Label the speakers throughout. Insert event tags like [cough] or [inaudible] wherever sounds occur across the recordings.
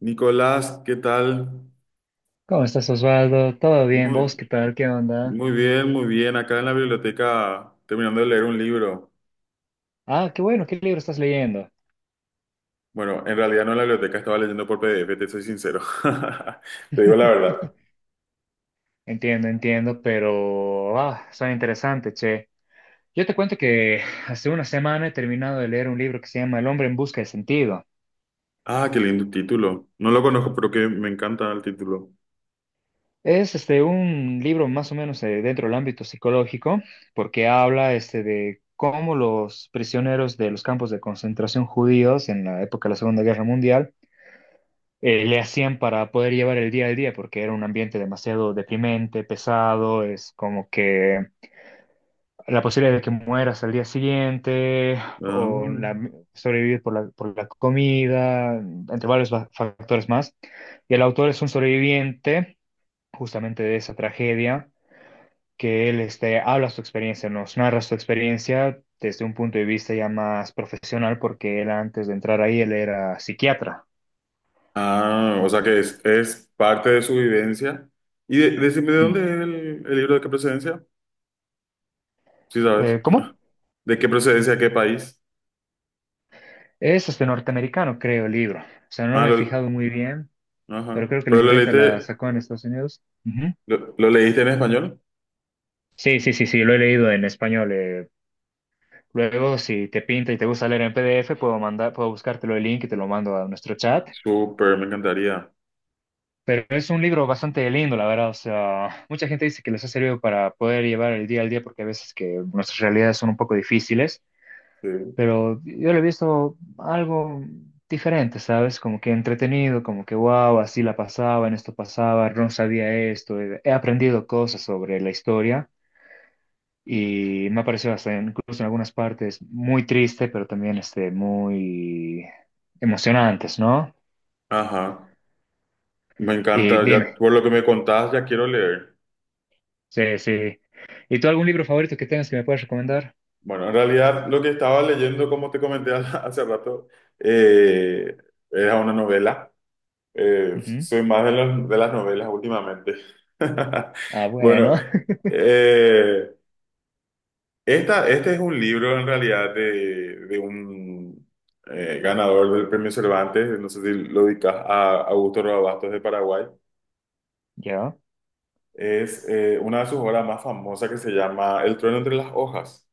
Speaker 1: Nicolás, ¿qué tal?
Speaker 2: ¿Cómo estás, Osvaldo? ¿Todo bien?
Speaker 1: Muy,
Speaker 2: ¿Vos qué tal? ¿Qué onda?
Speaker 1: muy bien, muy bien. Acá en la biblioteca, terminando de leer un libro.
Speaker 2: Ah, qué bueno, ¿qué libro estás leyendo?
Speaker 1: Bueno, en realidad no en la biblioteca, estaba leyendo por PDF, te soy sincero. [laughs] Te digo la verdad.
Speaker 2: [laughs] Entiendo, entiendo, pero ah, son interesantes, che. Yo te cuento que hace una semana he terminado de leer un libro que se llama El hombre en busca de sentido.
Speaker 1: Ah, qué lindo título. No lo conozco, pero que me encanta el título.
Speaker 2: Es este un libro más o menos dentro del ámbito psicológico, porque habla este de cómo los prisioneros de los campos de concentración judíos en la época de la Segunda Guerra Mundial le hacían para poder llevar el día al día, porque era un ambiente demasiado deprimente, pesado, es como que la posibilidad de que mueras al día siguiente,
Speaker 1: Ah,
Speaker 2: o la- sobrevivir por la comida, entre varios factores más. Y el autor es un sobreviviente justamente de esa tragedia, que él este, habla su experiencia, nos narra su experiencia desde un punto de vista ya más profesional, porque él antes de entrar ahí, él era psiquiatra.
Speaker 1: ah, o sea que
Speaker 2: Entonces,
Speaker 1: es parte de su vivencia. Decime, ¿de
Speaker 2: mm.
Speaker 1: dónde es el libro, de qué procedencia? Sí, sabes.
Speaker 2: ¿Cómo?
Speaker 1: [laughs] ¿De qué procedencia, qué país?
Speaker 2: Es este norteamericano, creo, el libro. O sea, no
Speaker 1: Ah,
Speaker 2: me he
Speaker 1: lo,
Speaker 2: fijado muy bien,
Speaker 1: ajá.
Speaker 2: pero creo que la
Speaker 1: ¿Pero lo
Speaker 2: imprenta la
Speaker 1: leíste,
Speaker 2: sacó en Estados Unidos. Ujú.
Speaker 1: lo leíste en español?
Speaker 2: Sí, sí, sí, sí, lo he leído en español. Luego, si te pinta y te gusta leer en PDF, puedo mandar, puedo buscártelo el link y te lo mando a nuestro chat.
Speaker 1: Súper, me encantaría.
Speaker 2: Pero es un libro bastante lindo, la verdad. O sea, mucha gente dice que les ha servido para poder llevar el día al día porque a veces que nuestras realidades son un poco difíciles.
Speaker 1: Sí.
Speaker 2: Pero yo lo he visto algo diferente, ¿sabes? Como que entretenido, como que wow, así la pasaba, en esto pasaba, Ron sabía esto, he aprendido cosas sobre la historia y me ha parecido hasta incluso en algunas partes muy triste, pero también este, muy emocionantes, ¿no?
Speaker 1: Ajá, me
Speaker 2: Y
Speaker 1: encanta. Ya
Speaker 2: dime,
Speaker 1: por lo que me contás, ya quiero leer.
Speaker 2: sí, sí. ¿Y tú algún libro favorito que tengas que me puedas recomendar?
Speaker 1: Bueno, en realidad lo que estaba leyendo, como te comenté [laughs] hace rato, eh, era una novela.
Speaker 2: Ujú.
Speaker 1: Soy más de las novelas últimamente. [laughs]
Speaker 2: Ah,
Speaker 1: Bueno,
Speaker 2: bueno, [laughs]
Speaker 1: eh, este es un libro en realidad de un ganador del premio Cervantes, no sé si lo dedicas a Augusto Roa Bastos de Paraguay.
Speaker 2: ¿Ya?
Speaker 1: Es una de sus obras más famosas que se llama El trueno entre las hojas.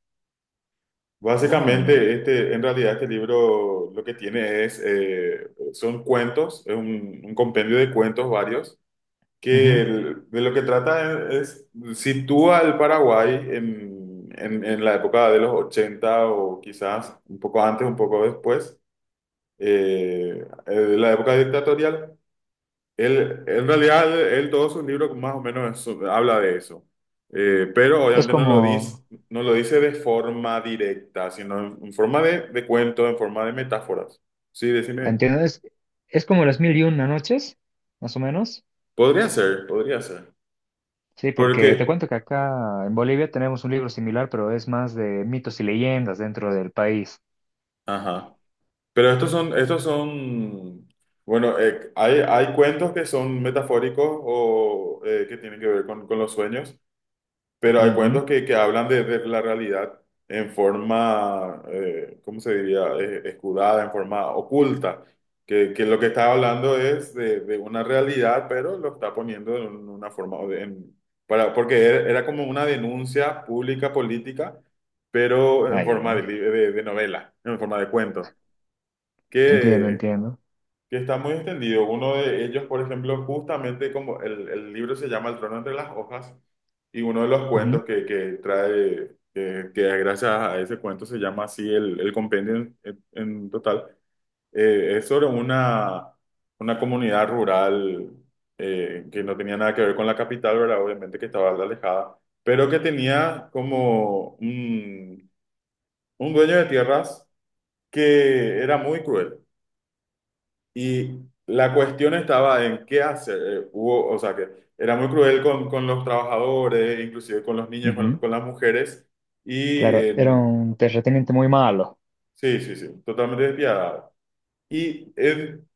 Speaker 2: Ah, bueno.
Speaker 1: Básicamente, este, en realidad este libro lo que tiene es, son cuentos, es un compendio de cuentos varios,
Speaker 2: Ujú.
Speaker 1: de lo que trata es, sitúa al Paraguay en la época de los 80 o quizás un poco antes, un poco después, de la época dictatorial. Él, en realidad, él, todos sus libros más o menos habla de eso. Pero
Speaker 2: Es
Speaker 1: obviamente no lo
Speaker 2: como...
Speaker 1: dice, no lo dice de forma directa, sino en forma de cuento, en forma de metáforas. Sí, decime.
Speaker 2: ¿Entiendes? Es como las mil y una noches, más o menos.
Speaker 1: Podría ser, podría ser.
Speaker 2: Sí, porque te
Speaker 1: Porque,
Speaker 2: cuento que acá en Bolivia tenemos un libro similar, pero es más de mitos y leyendas dentro del país.
Speaker 1: ajá. Pero estos son, bueno, hay cuentos que son metafóricos o que tienen que ver con los sueños. Pero
Speaker 2: Ujú,
Speaker 1: hay
Speaker 2: ujú.
Speaker 1: cuentos que hablan de la realidad en forma, ¿cómo se diría? Escudada, en forma oculta. Que lo que está hablando es de una realidad, pero lo está poniendo en una forma, para, porque era como una denuncia pública, política, pero
Speaker 2: Ah,
Speaker 1: en
Speaker 2: ya,
Speaker 1: forma
Speaker 2: ya.
Speaker 1: de novela, en forma de cuento
Speaker 2: Entiendo, entiendo.
Speaker 1: que está muy extendido. Uno de ellos, por ejemplo, justamente como el libro se llama El trono entre las hojas, y uno de los
Speaker 2: Ujú,
Speaker 1: cuentos que trae, que gracias a ese cuento se llama así el compendio en, en total, es sobre una comunidad rural que no tenía nada que ver con la capital, ¿verdad? Obviamente que estaba alejada, pero que tenía como un dueño de tierras que era muy cruel. Y la cuestión estaba en qué hacer. Hubo, o sea, que era muy cruel con los trabajadores, inclusive con los niños,
Speaker 2: ujú.
Speaker 1: con las mujeres. Y
Speaker 2: Claro, era un terrateniente muy malo.
Speaker 1: sí, sí, sí, totalmente despiadada. Y en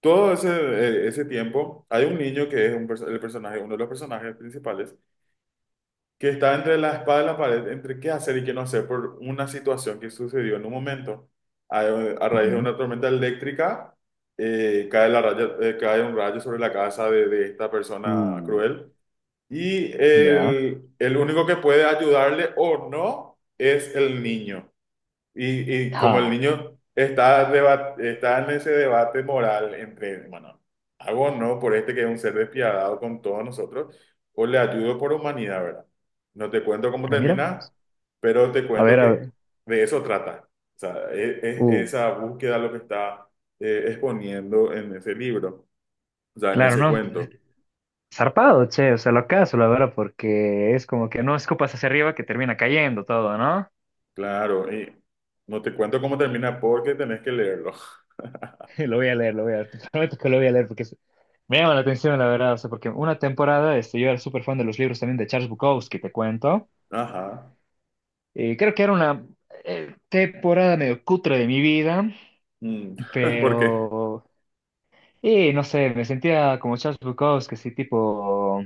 Speaker 1: todo ese, ese tiempo hay un niño que es un, el personaje, uno de los personajes principales que está entre la espada y la pared, entre qué hacer y qué no hacer por una situación que sucedió en un momento. A raíz de
Speaker 2: Ujú.
Speaker 1: una tormenta eléctrica, cae un rayo sobre la casa de esta persona
Speaker 2: Uh,
Speaker 1: cruel y
Speaker 2: ya.
Speaker 1: el único que puede ayudarle o no es el niño. Y como el
Speaker 2: Ja.
Speaker 1: niño está, está en ese debate moral entre, bueno, hago o no por este que es un ser despiadado con todos nosotros, o le ayudo por humanidad, ¿verdad? No te cuento cómo
Speaker 2: Ah, mira
Speaker 1: termina,
Speaker 2: vos.
Speaker 1: pero te
Speaker 2: A
Speaker 1: cuento
Speaker 2: ver, a
Speaker 1: que
Speaker 2: ver.
Speaker 1: de eso trata. O sea, es
Speaker 2: Uh,
Speaker 1: esa búsqueda lo que está exponiendo en ese libro, o sea, en
Speaker 2: claro,
Speaker 1: ese
Speaker 2: no.
Speaker 1: cuento.
Speaker 2: Zarpado, che, o sea, lo acaso, la verdad, porque es como que no escupas hacia arriba que termina cayendo todo, ¿no?
Speaker 1: Claro, y no te cuento cómo termina porque tenés que leerlo.
Speaker 2: [laughs] Lo voy a leer, lo voy a leer. [laughs] Te prometo que lo voy a leer porque es- me llama la atención, la verdad. O sea, porque una temporada, este, yo era súper fan de los libros también de Charles Bukowski, te cuento.
Speaker 1: Ajá.
Speaker 2: Y creo que era una temporada medio cutre de mi vida,
Speaker 1: Mm. [laughs] ¿Por qué?
Speaker 2: pero. Y no sé, me sentía como Charles Bukowski, así tipo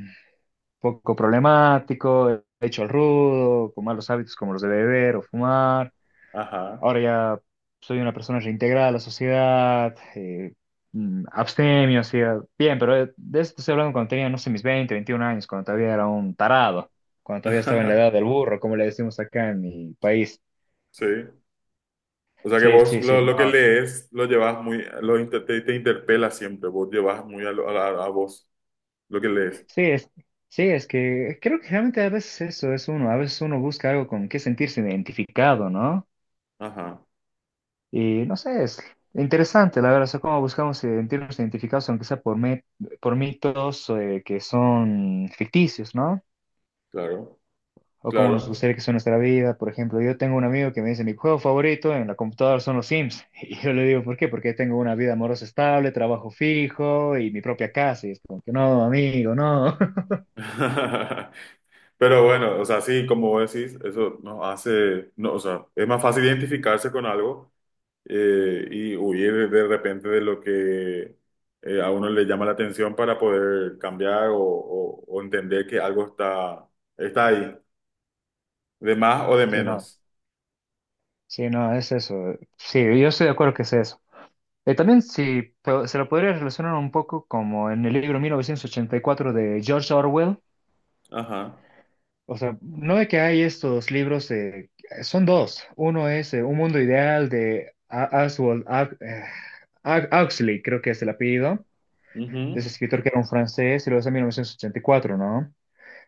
Speaker 2: poco problemático, hecho al rudo, con malos hábitos como los de beber o fumar.
Speaker 1: Ajá.
Speaker 2: Ahora ya soy una persona reintegrada a la sociedad, abstemio, hacía bien, pero de esto estoy hablando cuando tenía, no sé, mis 20 21 años, cuando todavía era un tarado, cuando todavía estaba en la edad
Speaker 1: [laughs]
Speaker 2: del burro, como le decimos acá en mi país.
Speaker 1: Sí. O sea que
Speaker 2: Sí,
Speaker 1: vos
Speaker 2: sí, sí,
Speaker 1: lo que
Speaker 2: no.
Speaker 1: lees lo llevas muy, te, te interpela siempre, vos llevas muy a vos lo que lees.
Speaker 2: Sí, es, sí, es que creo que realmente a veces eso es uno, a veces uno busca algo con que sentirse identificado, ¿no?
Speaker 1: Ajá,
Speaker 2: Y no sé, es interesante, la verdad, o sea, cómo buscamos sentirnos identificados, aunque sea por mitos que son ficticios, ¿no?
Speaker 1: claro,
Speaker 2: O cómo nos
Speaker 1: claro.
Speaker 2: gustaría que sea nuestra vida. Por ejemplo, yo tengo un amigo que me dice, mi juego favorito en la computadora son los Sims. [laughs] Y yo le digo, ¿por qué? Porque tengo una vida amorosa estable, trabajo fijo y mi propia casa. Y es como que no, amigo, no. [laughs]
Speaker 1: [laughs] Pero bueno, o sea, sí, como vos decís, eso nos hace, no, o sea, es más fácil identificarse con algo y huir de repente de lo que a uno le llama la atención para poder cambiar o entender que algo está, está ahí, de más o de
Speaker 2: Sí, no,
Speaker 1: menos.
Speaker 2: sí, no, es eso. Sí, yo estoy de acuerdo que es eso. También sí, se lo podría relacionar un poco como en el libro 1984 de George Orwell.
Speaker 1: Ajá.
Speaker 2: O sea, no de que hay estos libros, son dos. Uno es Un mundo ideal de Oswald Huxley, creo que es el apellido, de ese
Speaker 1: Ujú.
Speaker 2: escritor que era un francés, y luego es en 1984, ¿no?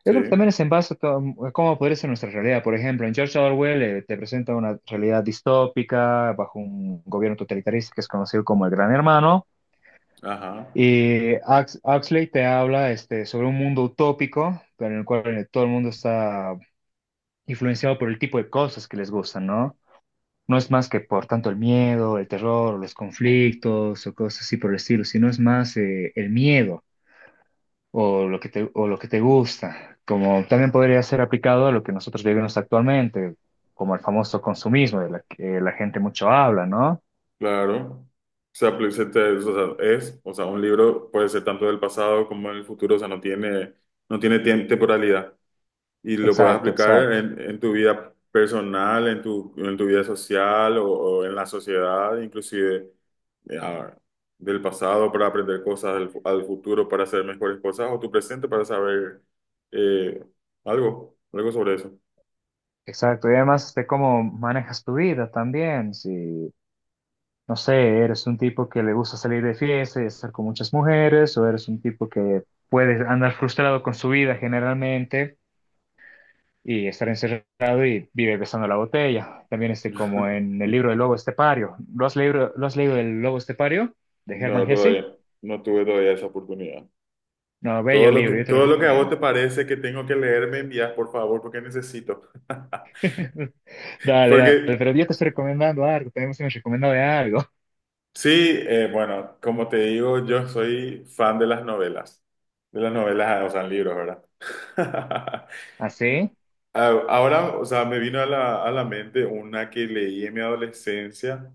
Speaker 2: Yo
Speaker 1: Sí,
Speaker 2: creo que también es en base a, a cómo podría ser nuestra realidad. Por ejemplo, en George Orwell te presenta una realidad distópica bajo un gobierno totalitarista que es conocido como el Gran Hermano.
Speaker 1: ajá,
Speaker 2: Y Huxley te habla este, sobre un mundo utópico, pero en el cual todo el mundo está influenciado por el tipo de cosas que les gustan, ¿no? No es más que por tanto el miedo, el terror, los conflictos o cosas así por el estilo, sino es más el miedo o lo que te gusta, como también podría ser aplicado a lo que nosotros vivimos actualmente, como el famoso consumismo de la que la gente mucho habla, ¿no?
Speaker 1: claro. Se apli- se te- O sea, es, o sea, un libro puede ser tanto del pasado como en el futuro, o sea, no tiene, no tiene temporalidad y lo puedes
Speaker 2: Exacto,
Speaker 1: aplicar
Speaker 2: exacto.
Speaker 1: en tu vida personal, en tu vida social o en la sociedad, inclusive eh, a- del pasado para aprender cosas, al futuro para hacer mejores cosas o tu presente para saber eh, algo, algo sobre eso.
Speaker 2: Exacto, y además de cómo manejas tu vida también, si no sé, eres un tipo que le gusta salir de fiesta y estar con muchas mujeres, o eres un tipo que puede andar frustrado con su vida generalmente y estar encerrado y vive besando la botella. También este, como en
Speaker 1: [laughs]
Speaker 2: el libro del Lobo Estepario. ¿Lo has leído El Lobo Estepario de
Speaker 1: No,
Speaker 2: Hermann Hesse?
Speaker 1: todavía, no tuve todavía esa oportunidad.
Speaker 2: No, bello libro, yo te lo
Speaker 1: Todo lo que a vos
Speaker 2: recomiendo.
Speaker 1: te parece que tengo que leer, me envías, por favor, porque necesito. [laughs]
Speaker 2: [laughs] Dale, dale,
Speaker 1: Porque
Speaker 2: pero yo te estoy recomendando algo, también me has recomendado de algo.
Speaker 1: sí, bueno, como te digo, yo soy fan de las novelas, ah, o sea, libros, ¿verdad? [laughs]
Speaker 2: [laughs] ¿Así?
Speaker 1: Ah, ahora, o sea, me vino a a la mente una que leí en mi adolescencia.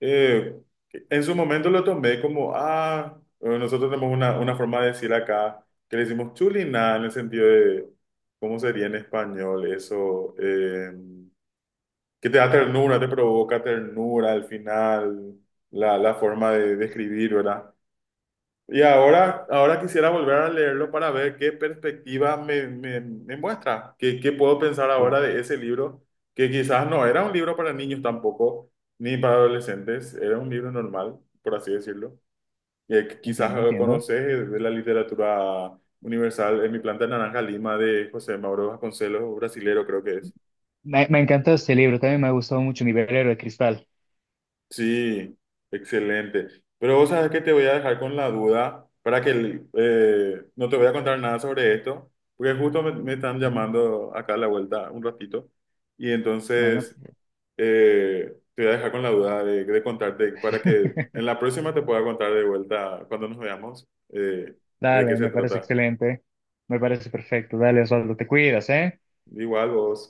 Speaker 1: Eh, en su momento lo tomé como, ah, nosotros tenemos una forma de decir acá que le decimos chuliná en el sentido de, ¿cómo sería en español eso? Que te da ternura, te provoca ternura al final, la forma de describir, ¿verdad? Y ahora, ahora quisiera volver a leerlo para ver qué perspectiva me, me muestra, qué, qué puedo pensar ahora
Speaker 2: Claro,
Speaker 1: de ese libro, que quizás no era un libro para niños tampoco, ni para adolescentes, era un libro normal, por así decirlo. Que quizás
Speaker 2: entiendo, entiendo.
Speaker 1: conoces de la literatura universal En mi planta naranja Lima de José Mauro Vasconcelos, brasilero creo que es.
Speaker 2: Me encantó este libro, también me ha gustado mucho Mi velero de cristal.
Speaker 1: Sí, excelente. Pero vos sabés que te voy a dejar con la duda para que no te voy a contar nada sobre esto, porque justo me, me están
Speaker 2: Ujú.
Speaker 1: llamando acá a la vuelta un ratito y
Speaker 2: No, no,
Speaker 1: entonces te voy a dejar con la duda de contarte para que en
Speaker 2: [laughs]
Speaker 1: la próxima te pueda contar de vuelta cuando nos veamos de qué
Speaker 2: Dale,
Speaker 1: se
Speaker 2: me parece
Speaker 1: trata.
Speaker 2: excelente. Me parece perfecto. Dale, Osvaldo, te cuidas, ¿eh?
Speaker 1: Igual vos.